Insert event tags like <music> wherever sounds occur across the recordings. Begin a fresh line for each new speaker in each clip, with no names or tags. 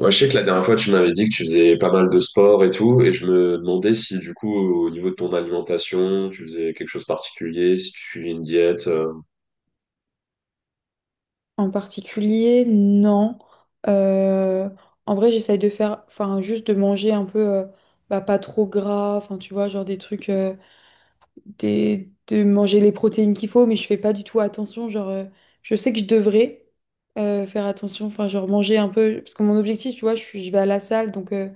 Ouais, je sais que la dernière fois, tu m'avais dit que tu faisais pas mal de sport et tout, et je me demandais si, du coup, au niveau de ton alimentation, tu faisais quelque chose de particulier, si tu suivais une diète.
En particulier, non. Euh, en vrai, j'essaye de faire, enfin, juste de manger un peu, bah, pas trop gras, enfin, tu vois, genre des trucs, de manger les protéines qu'il faut, mais je fais pas du tout attention. Genre, je sais que je devrais faire attention, enfin, genre manger un peu, parce que mon objectif, tu vois, je vais à la salle. Donc,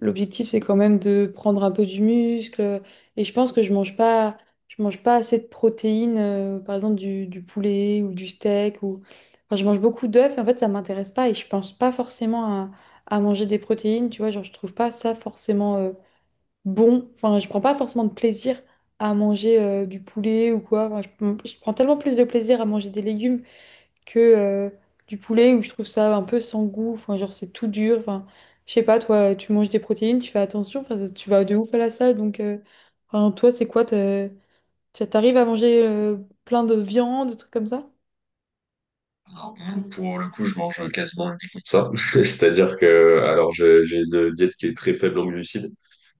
l'objectif, c'est quand même de prendre un peu du muscle. Et je pense que je mange pas assez de protéines, par exemple du poulet ou du steak. Enfin, je mange beaucoup d'œufs. Et en fait, ça m'intéresse pas et je pense pas forcément à manger des protéines. Tu vois, genre, je trouve pas ça forcément bon. Enfin, je prends pas forcément de plaisir à manger du poulet ou quoi. Enfin, je prends tellement plus de plaisir à manger des légumes que du poulet, où je trouve ça un peu sans goût. Enfin, genre, c'est tout dur. Enfin, je sais pas, toi, tu manges des protéines, tu fais attention. Enfin, tu vas de ouf à la salle. Donc, enfin, toi, c'est quoi? T'arrives à manger plein de viande, de trucs comme ça?
Non, pour le coup, je mange quasiment uniquement ça. <laughs> C'est-à-dire que, alors, j'ai une diète qui est très faible en glucides.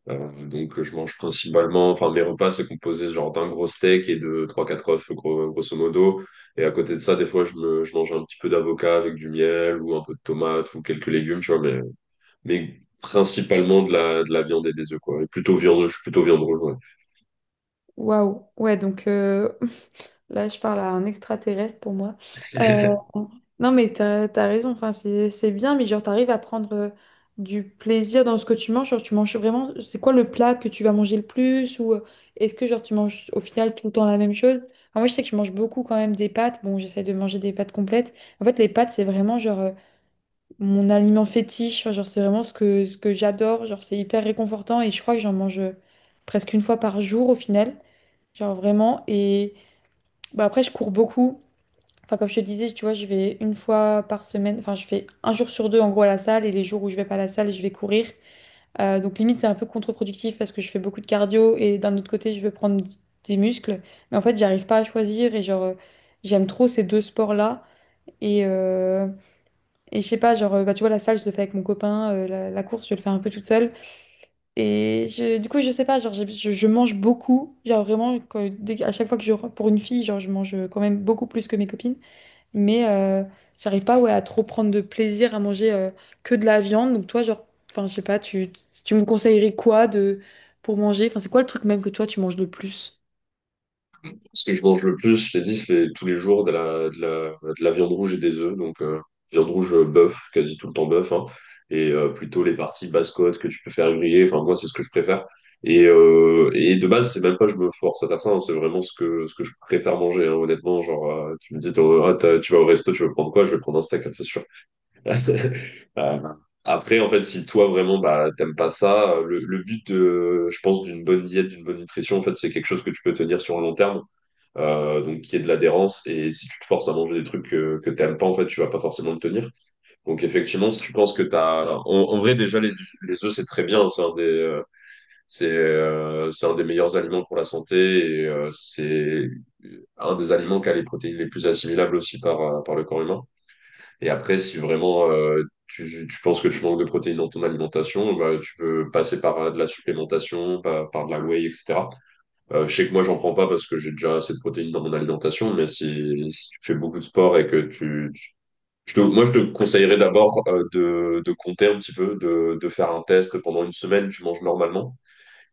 Donc, je mange principalement, enfin, mes repas, c'est composé genre d'un gros steak et de trois quatre œufs, grosso modo. Et à côté de ça, des fois, je mange un petit peu d'avocat avec du miel ou un peu de tomate ou quelques légumes, tu vois, mais principalement de la viande et des œufs, quoi. Et plutôt viande, je suis plutôt viande rouge, ouais.
Waouh. Ouais, donc, là, je parle à un extraterrestre pour moi. Euh,
<laughs>
<laughs> non, mais t'as raison. Enfin, c'est bien, mais genre, t'arrives à prendre du plaisir dans ce que tu manges. Genre, tu manges vraiment. C'est quoi le plat que tu vas manger le plus? Ou est-ce que, genre, tu manges au final tout le temps la même chose? Enfin, moi, je sais que je mange beaucoup quand même des pâtes. Bon, j'essaie de manger des pâtes complètes. En fait, les pâtes, c'est vraiment, genre, mon aliment fétiche. Enfin, genre, c'est vraiment ce que j'adore. Genre, c'est hyper réconfortant et je crois que j'en mange presque une fois par jour au final. Genre, vraiment. Et bah, après, je cours beaucoup. Enfin, comme je te disais, tu vois, je vais une fois par semaine, enfin, je fais un jour sur deux en gros à la salle, et les jours où je vais pas à la salle, je vais courir. Donc, limite, c'est un peu contre-productif parce que je fais beaucoup de cardio, et d'un autre côté, je veux prendre des muscles. Mais en fait, j'arrive pas à choisir et genre, j'aime trop ces deux sports-là. Et, euh, et je sais pas, genre, bah, tu vois, la salle, je le fais avec mon copain, la course, je le fais un peu toute seule. Et du coup, je sais pas, genre, je mange beaucoup. Genre, vraiment, à chaque fois que je, pour une fille, genre, je mange quand même beaucoup plus que mes copines. Mais j'arrive pas, ouais, à trop prendre de plaisir à manger que de la viande. Donc toi, genre, enfin, je sais pas, tu me conseillerais quoi pour manger? Enfin, c'est quoi le truc même que toi, tu manges le plus?
Ce que je mange le plus, je t'ai dit, c'est tous les jours de la viande rouge et des œufs. Donc, viande rouge, bœuf, quasi tout le temps bœuf, hein. Et plutôt les parties basse-côte que tu peux faire griller. Enfin, moi, c'est ce que je préfère. Et de base, c'est même pas je me force à faire ça, hein, c'est vraiment ce que je préfère manger, hein, honnêtement. Genre, tu me dis, t'as- tu vas au resto, tu veux prendre quoi? Je vais prendre un steak, hein, c'est sûr. <laughs> Euh, Après, en fait, si toi vraiment bah, t'aimes pas ça, le but, de, je pense, d'une bonne diète, d'une bonne nutrition, en fait, c'est quelque chose que tu peux tenir sur un long terme, donc qui est de l'adhérence. Et si tu te forces à manger des trucs que t'aimes pas, en fait, tu vas pas forcément le tenir. Donc, effectivement, si tu penses que t'as, en vrai, déjà les œufs, c'est très bien, hein. C'est, c'est un des meilleurs aliments pour la santé et c'est un des aliments qui a les protéines les plus assimilables aussi par, par le corps humain. Et après, si vraiment tu penses que tu manques de protéines dans ton alimentation, bah, tu peux passer par de la supplémentation, par de la whey, etc. Je sais que moi, j'en prends pas parce que j'ai déjà assez de protéines dans mon alimentation, mais si tu fais beaucoup de sport et que moi, je te conseillerais d'abord de compter un petit peu, de faire un test pendant une semaine, tu manges normalement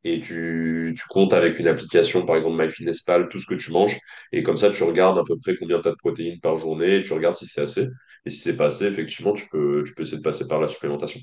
et tu comptes avec une application, par exemple MyFitnessPal, tout ce que tu manges. Et comme ça, tu regardes à peu près combien tu as de protéines par journée et tu regardes si c'est assez. Et si c'est pas assez, effectivement, tu peux essayer de passer par la supplémentation.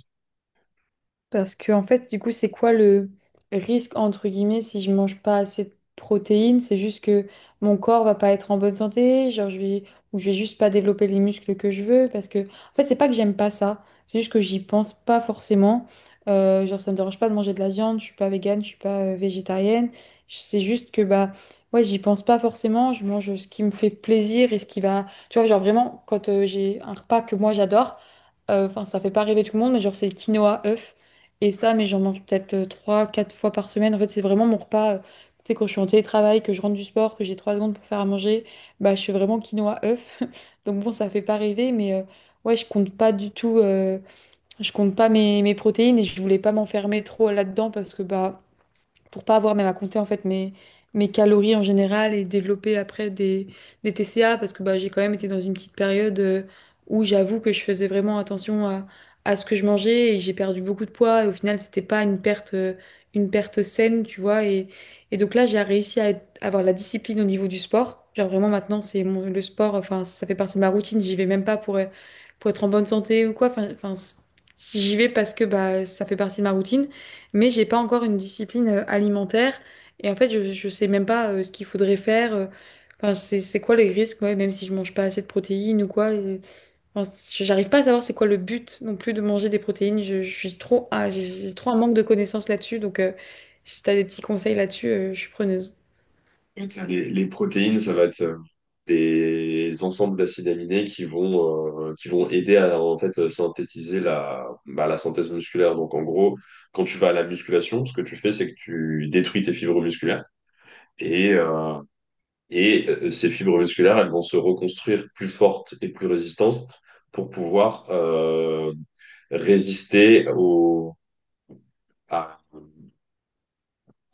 Parce que, en fait, du coup, c'est quoi le risque, entre guillemets, si je mange pas assez de protéines? C'est juste que mon corps va pas être en bonne santé, genre ou je vais juste pas développer les muscles que je veux. Parce que, en fait, c'est pas que j'aime pas ça, c'est juste que j'y pense pas forcément. Genre, ça me dérange pas de manger de la viande, je suis pas végane, je suis pas végétarienne. C'est juste que, bah, ouais, j'y pense pas forcément, je mange ce qui me fait plaisir et ce qui va. Tu vois, genre vraiment, quand j'ai un repas que moi j'adore, enfin, ça fait pas rêver tout le monde, mais genre, c'est le quinoa œuf. Et ça, mais j'en mange peut-être trois, quatre fois par semaine. En fait, c'est vraiment mon repas. Tu sais, quand je suis en télétravail, que je rentre du sport, que j'ai 3 secondes pour faire à manger, bah, je fais vraiment quinoa œuf. <laughs> Donc bon, ça fait pas rêver, mais ouais, je compte pas du tout. Je compte pas mes protéines, et je voulais pas m'enfermer trop là-dedans parce que bah, pour pas avoir même à compter en fait mes calories en général et développer après des TCA, parce que bah, j'ai quand même été dans une petite période où j'avoue que je faisais vraiment attention à ce que je mangeais, et j'ai perdu beaucoup de poids et au final c'était pas une perte une perte saine, tu vois, et donc là j'ai réussi à avoir la discipline au niveau du sport, genre vraiment maintenant c'est le sport, enfin ça fait partie de ma routine, j'y vais même pas pour, pour être en bonne santé ou quoi, enfin, si, j'y vais parce que bah ça fait partie de ma routine, mais j'ai pas encore une discipline alimentaire, et en fait je sais même pas ce qu'il faudrait faire, enfin c'est quoi les risques, ouais, même si je mange pas assez de protéines ou quoi, enfin, j'arrive pas à savoir c'est quoi le but non plus de manger des protéines. Je suis trop ah, J'ai trop un manque de connaissances là-dessus. Donc, si t'as des petits conseils là-dessus, je suis preneuse.
Les protéines, ça va être des ensembles d'acides aminés qui vont aider à en fait, synthétiser la synthèse musculaire. Donc en gros, quand tu vas à la musculation, ce que tu fais, c'est que tu détruis tes fibres musculaires. Et euh, Ces fibres musculaires, elles vont se reconstruire plus fortes et plus résistantes pour pouvoir résister à,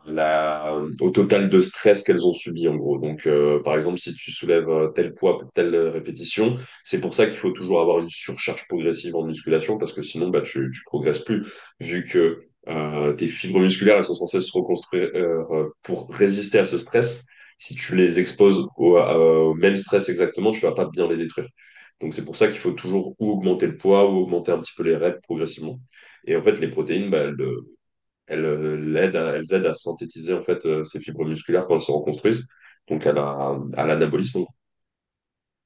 la, au total de stress qu'elles ont subi en gros. Donc, par exemple, si tu soulèves tel poids pour telle répétition, c'est pour ça qu'il faut toujours avoir une surcharge progressive en musculation parce que sinon, bah, tu progresses plus vu que tes fibres musculaires elles sont censées se reconstruire pour résister à ce stress. Si tu les exposes au même stress exactement, tu vas pas bien les détruire. Donc, c'est pour ça qu'il faut toujours ou augmenter le poids ou augmenter un petit peu les reps progressivement. Et en fait, les protéines, bah, elles aident à synthétiser en fait ces fibres musculaires quand elles se reconstruisent, donc à l'anabolisme.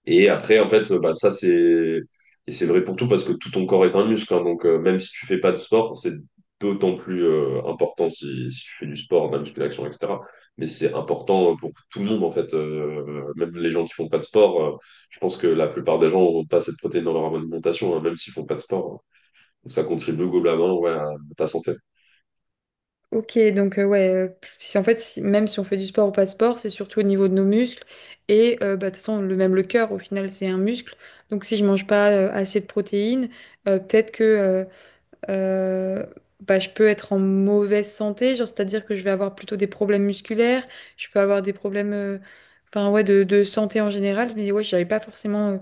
Et après, en fait, bah, ça c'est et c'est vrai pour tout parce que tout ton corps est un muscle, hein. Donc même si tu fais pas de sport, c'est d'autant plus important si tu fais du sport, de la musculation, etc. Mais c'est important pour tout le monde en fait, même les gens qui font pas de sport. Je pense que la plupart des gens ont pas assez de protéines dans leur alimentation, hein, même s'ils font pas de sport, hein. Donc ça contribue globalement ouais, à ta santé.
Ok, donc ouais, si en fait, même si on fait du sport ou pas de sport, c'est surtout au niveau de nos muscles, et bah, de toute façon, le même le cœur, au final, c'est un muscle. Donc si je mange pas assez de protéines, peut-être que euh, bah, je peux être en mauvaise santé, genre c'est-à-dire que je vais avoir plutôt des problèmes musculaires, je peux avoir des problèmes, enfin ouais, de santé en général. Je me dis, ouais, j'avais pas forcément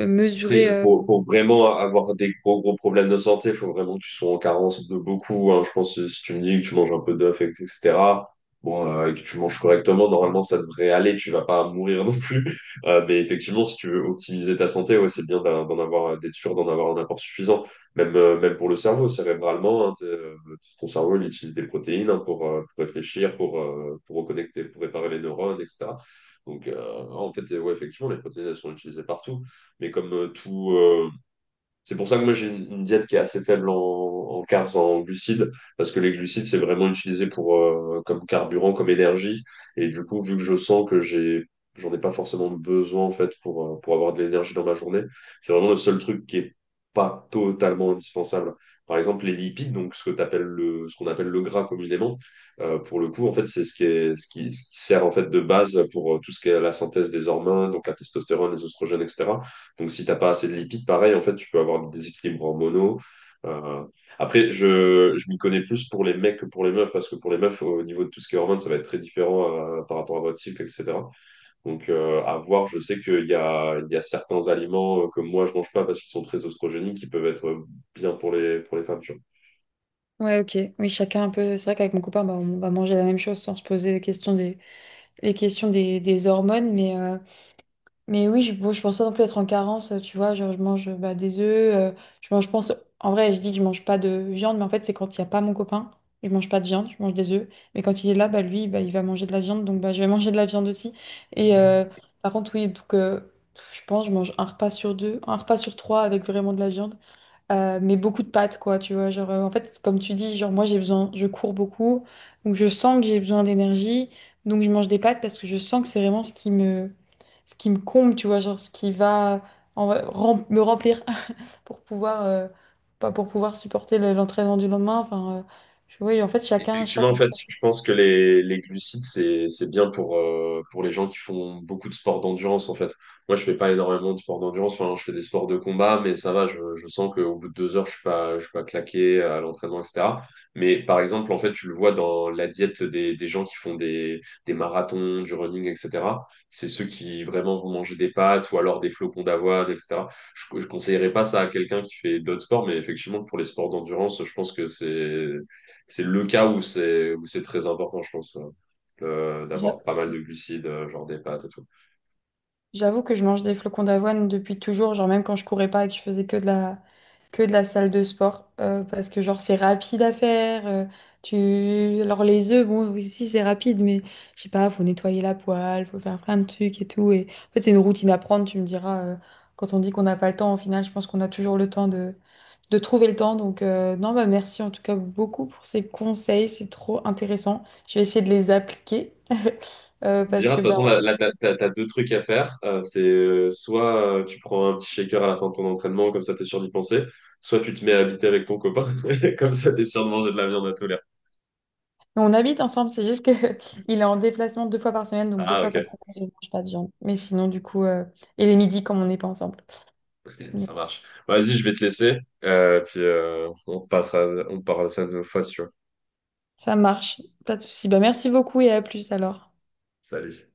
Après,
mesuré.
pour vraiment avoir des gros, gros problèmes de santé, il faut vraiment que tu sois en carence de beaucoup, hein. Je pense que si tu me dis que tu manges un peu d'œuf, etc., bon, et que tu manges correctement, normalement, ça devrait aller. Tu vas pas mourir non plus. Mais effectivement, si tu veux optimiser ta santé, ouais, c'est bien d'en avoir, d'être sûr d'en avoir un apport suffisant. Même, même pour le cerveau, cérébralement, hein, ton cerveau, il utilise des protéines hein, pour réfléchir, pour reconnecter, pour réparer les neurones, etc. Donc, en fait, ouais, effectivement, les protéines, elles sont utilisées partout. Mais comme c'est pour ça que moi j'ai une diète qui est assez faible en carbs, en glucides, parce que les glucides c'est vraiment utilisé pour comme carburant, comme énergie. Et du coup, vu que je sens que j'en ai pas forcément besoin en fait pour avoir de l'énergie dans ma journée, c'est vraiment le seul truc qui est pas totalement indispensable. Par exemple, les lipides, donc ce que t'appelles le, ce qu'on appelle le gras communément, pour le coup, en fait, c'est ce qui est, ce qui sert en fait de base pour tout ce qui est la synthèse des hormones, donc la testostérone, les oestrogènes, etc. Donc, si t'as pas assez de lipides, pareil, en fait, tu peux avoir des déséquilibres hormonaux. Euh, Après, je m'y connais plus pour les mecs que pour les meufs, parce que pour les meufs, au niveau de tout ce qui est hormones, ça va être très différent par rapport à votre cycle, etc. Donc, à voir, je sais qu'il y a certains aliments que moi, je mange pas parce qu'ils sont très oestrogéniques, qui peuvent être bien pour pour les femmes, tu vois.
Ouais, ok, oui, chacun un peu. C'est vrai qu'avec mon copain, bah, on va manger la même chose sans se poser la question des les questions des hormones, mais oui, bon, je pense pas non plus être en carence, tu vois, genre je mange, bah, des œufs, je mange, je pense, en vrai, je dis que je mange pas de viande, mais en fait, c'est quand il n'y a pas mon copain, je mange pas de viande, je mange des œufs, mais quand il est là, bah, lui, bah, il va manger de la viande, donc bah, je vais <laughs> manger de la viande aussi, et par contre, oui, donc, je pense, je mange un repas sur deux, un repas sur trois avec vraiment de la viande, mais beaucoup de pâtes, quoi, tu vois. Genre, en fait, comme tu dis, genre, moi, j'ai besoin, je cours beaucoup, donc je sens que j'ai besoin d'énergie, donc je mange des pâtes parce que je sens que c'est vraiment ce qui me, comble, tu vois, genre, ce qui va me remplir <laughs> pour pouvoir, pas pour pouvoir supporter l'entraînement du lendemain. Enfin, oui, en fait, chacun,
Effectivement,
chaque
en fait,
entraînement.
je pense que les glucides, c'est bien pour les gens qui font beaucoup de sports d'endurance, en fait. Moi, je fais pas énormément de sports d'endurance, enfin, je fais des sports de combat, mais ça va, je sens qu'au bout de 2 heures, je suis pas claqué à l'entraînement, etc. Mais par exemple, en fait, tu le vois dans la diète des gens qui font des marathons, du running, etc. C'est ceux qui vraiment vont manger des pâtes ou alors des flocons d'avoine, etc. Je conseillerais pas ça à quelqu'un qui fait d'autres sports, mais effectivement, pour les sports d'endurance, je pense que c'est le cas où c'est très important, je pense, d'avoir pas mal de glucides, genre des pâtes et tout.
J'avoue que je mange des flocons d'avoine depuis toujours, genre même quand je courais pas et que je faisais que que de la salle de sport, parce que genre c'est rapide à faire. Alors les œufs, bon, aussi c'est rapide, mais je sais pas, faut nettoyer la poêle, faut faire plein de trucs et tout. En fait c'est une routine à prendre, tu me diras, quand on dit qu'on n'a pas le temps, au final je pense qu'on a toujours le temps de trouver le temps. Donc non, bah merci en tout cas beaucoup pour ces conseils, c'est trop intéressant. Je vais essayer de les appliquer. <laughs> Euh,
Je
parce
dirais, de
que
toute
bah,
façon, t'as deux trucs à faire. C'est soit tu prends un petit shaker à la fin de ton entraînement, comme ça t'es sûr d'y penser, soit tu te mets à habiter avec ton copain, <laughs> comme ça t'es sûr de manger de la viande à tous les repas.
On habite ensemble, c'est juste que <laughs> il est en déplacement 2 fois par semaine, donc deux
Ah,
fois par
ok,
semaine, je ne mange pas de viande. Mais sinon, du coup, et les midis, comme on n'est pas ensemble.
<laughs>
Mais
ça
bon,
marche. Vas-y, je vais te laisser, puis on passera, on parlera ça une autre fois, si tu veux.
ça marche, pas de souci. Bah, merci beaucoup, et à plus alors.
Salut.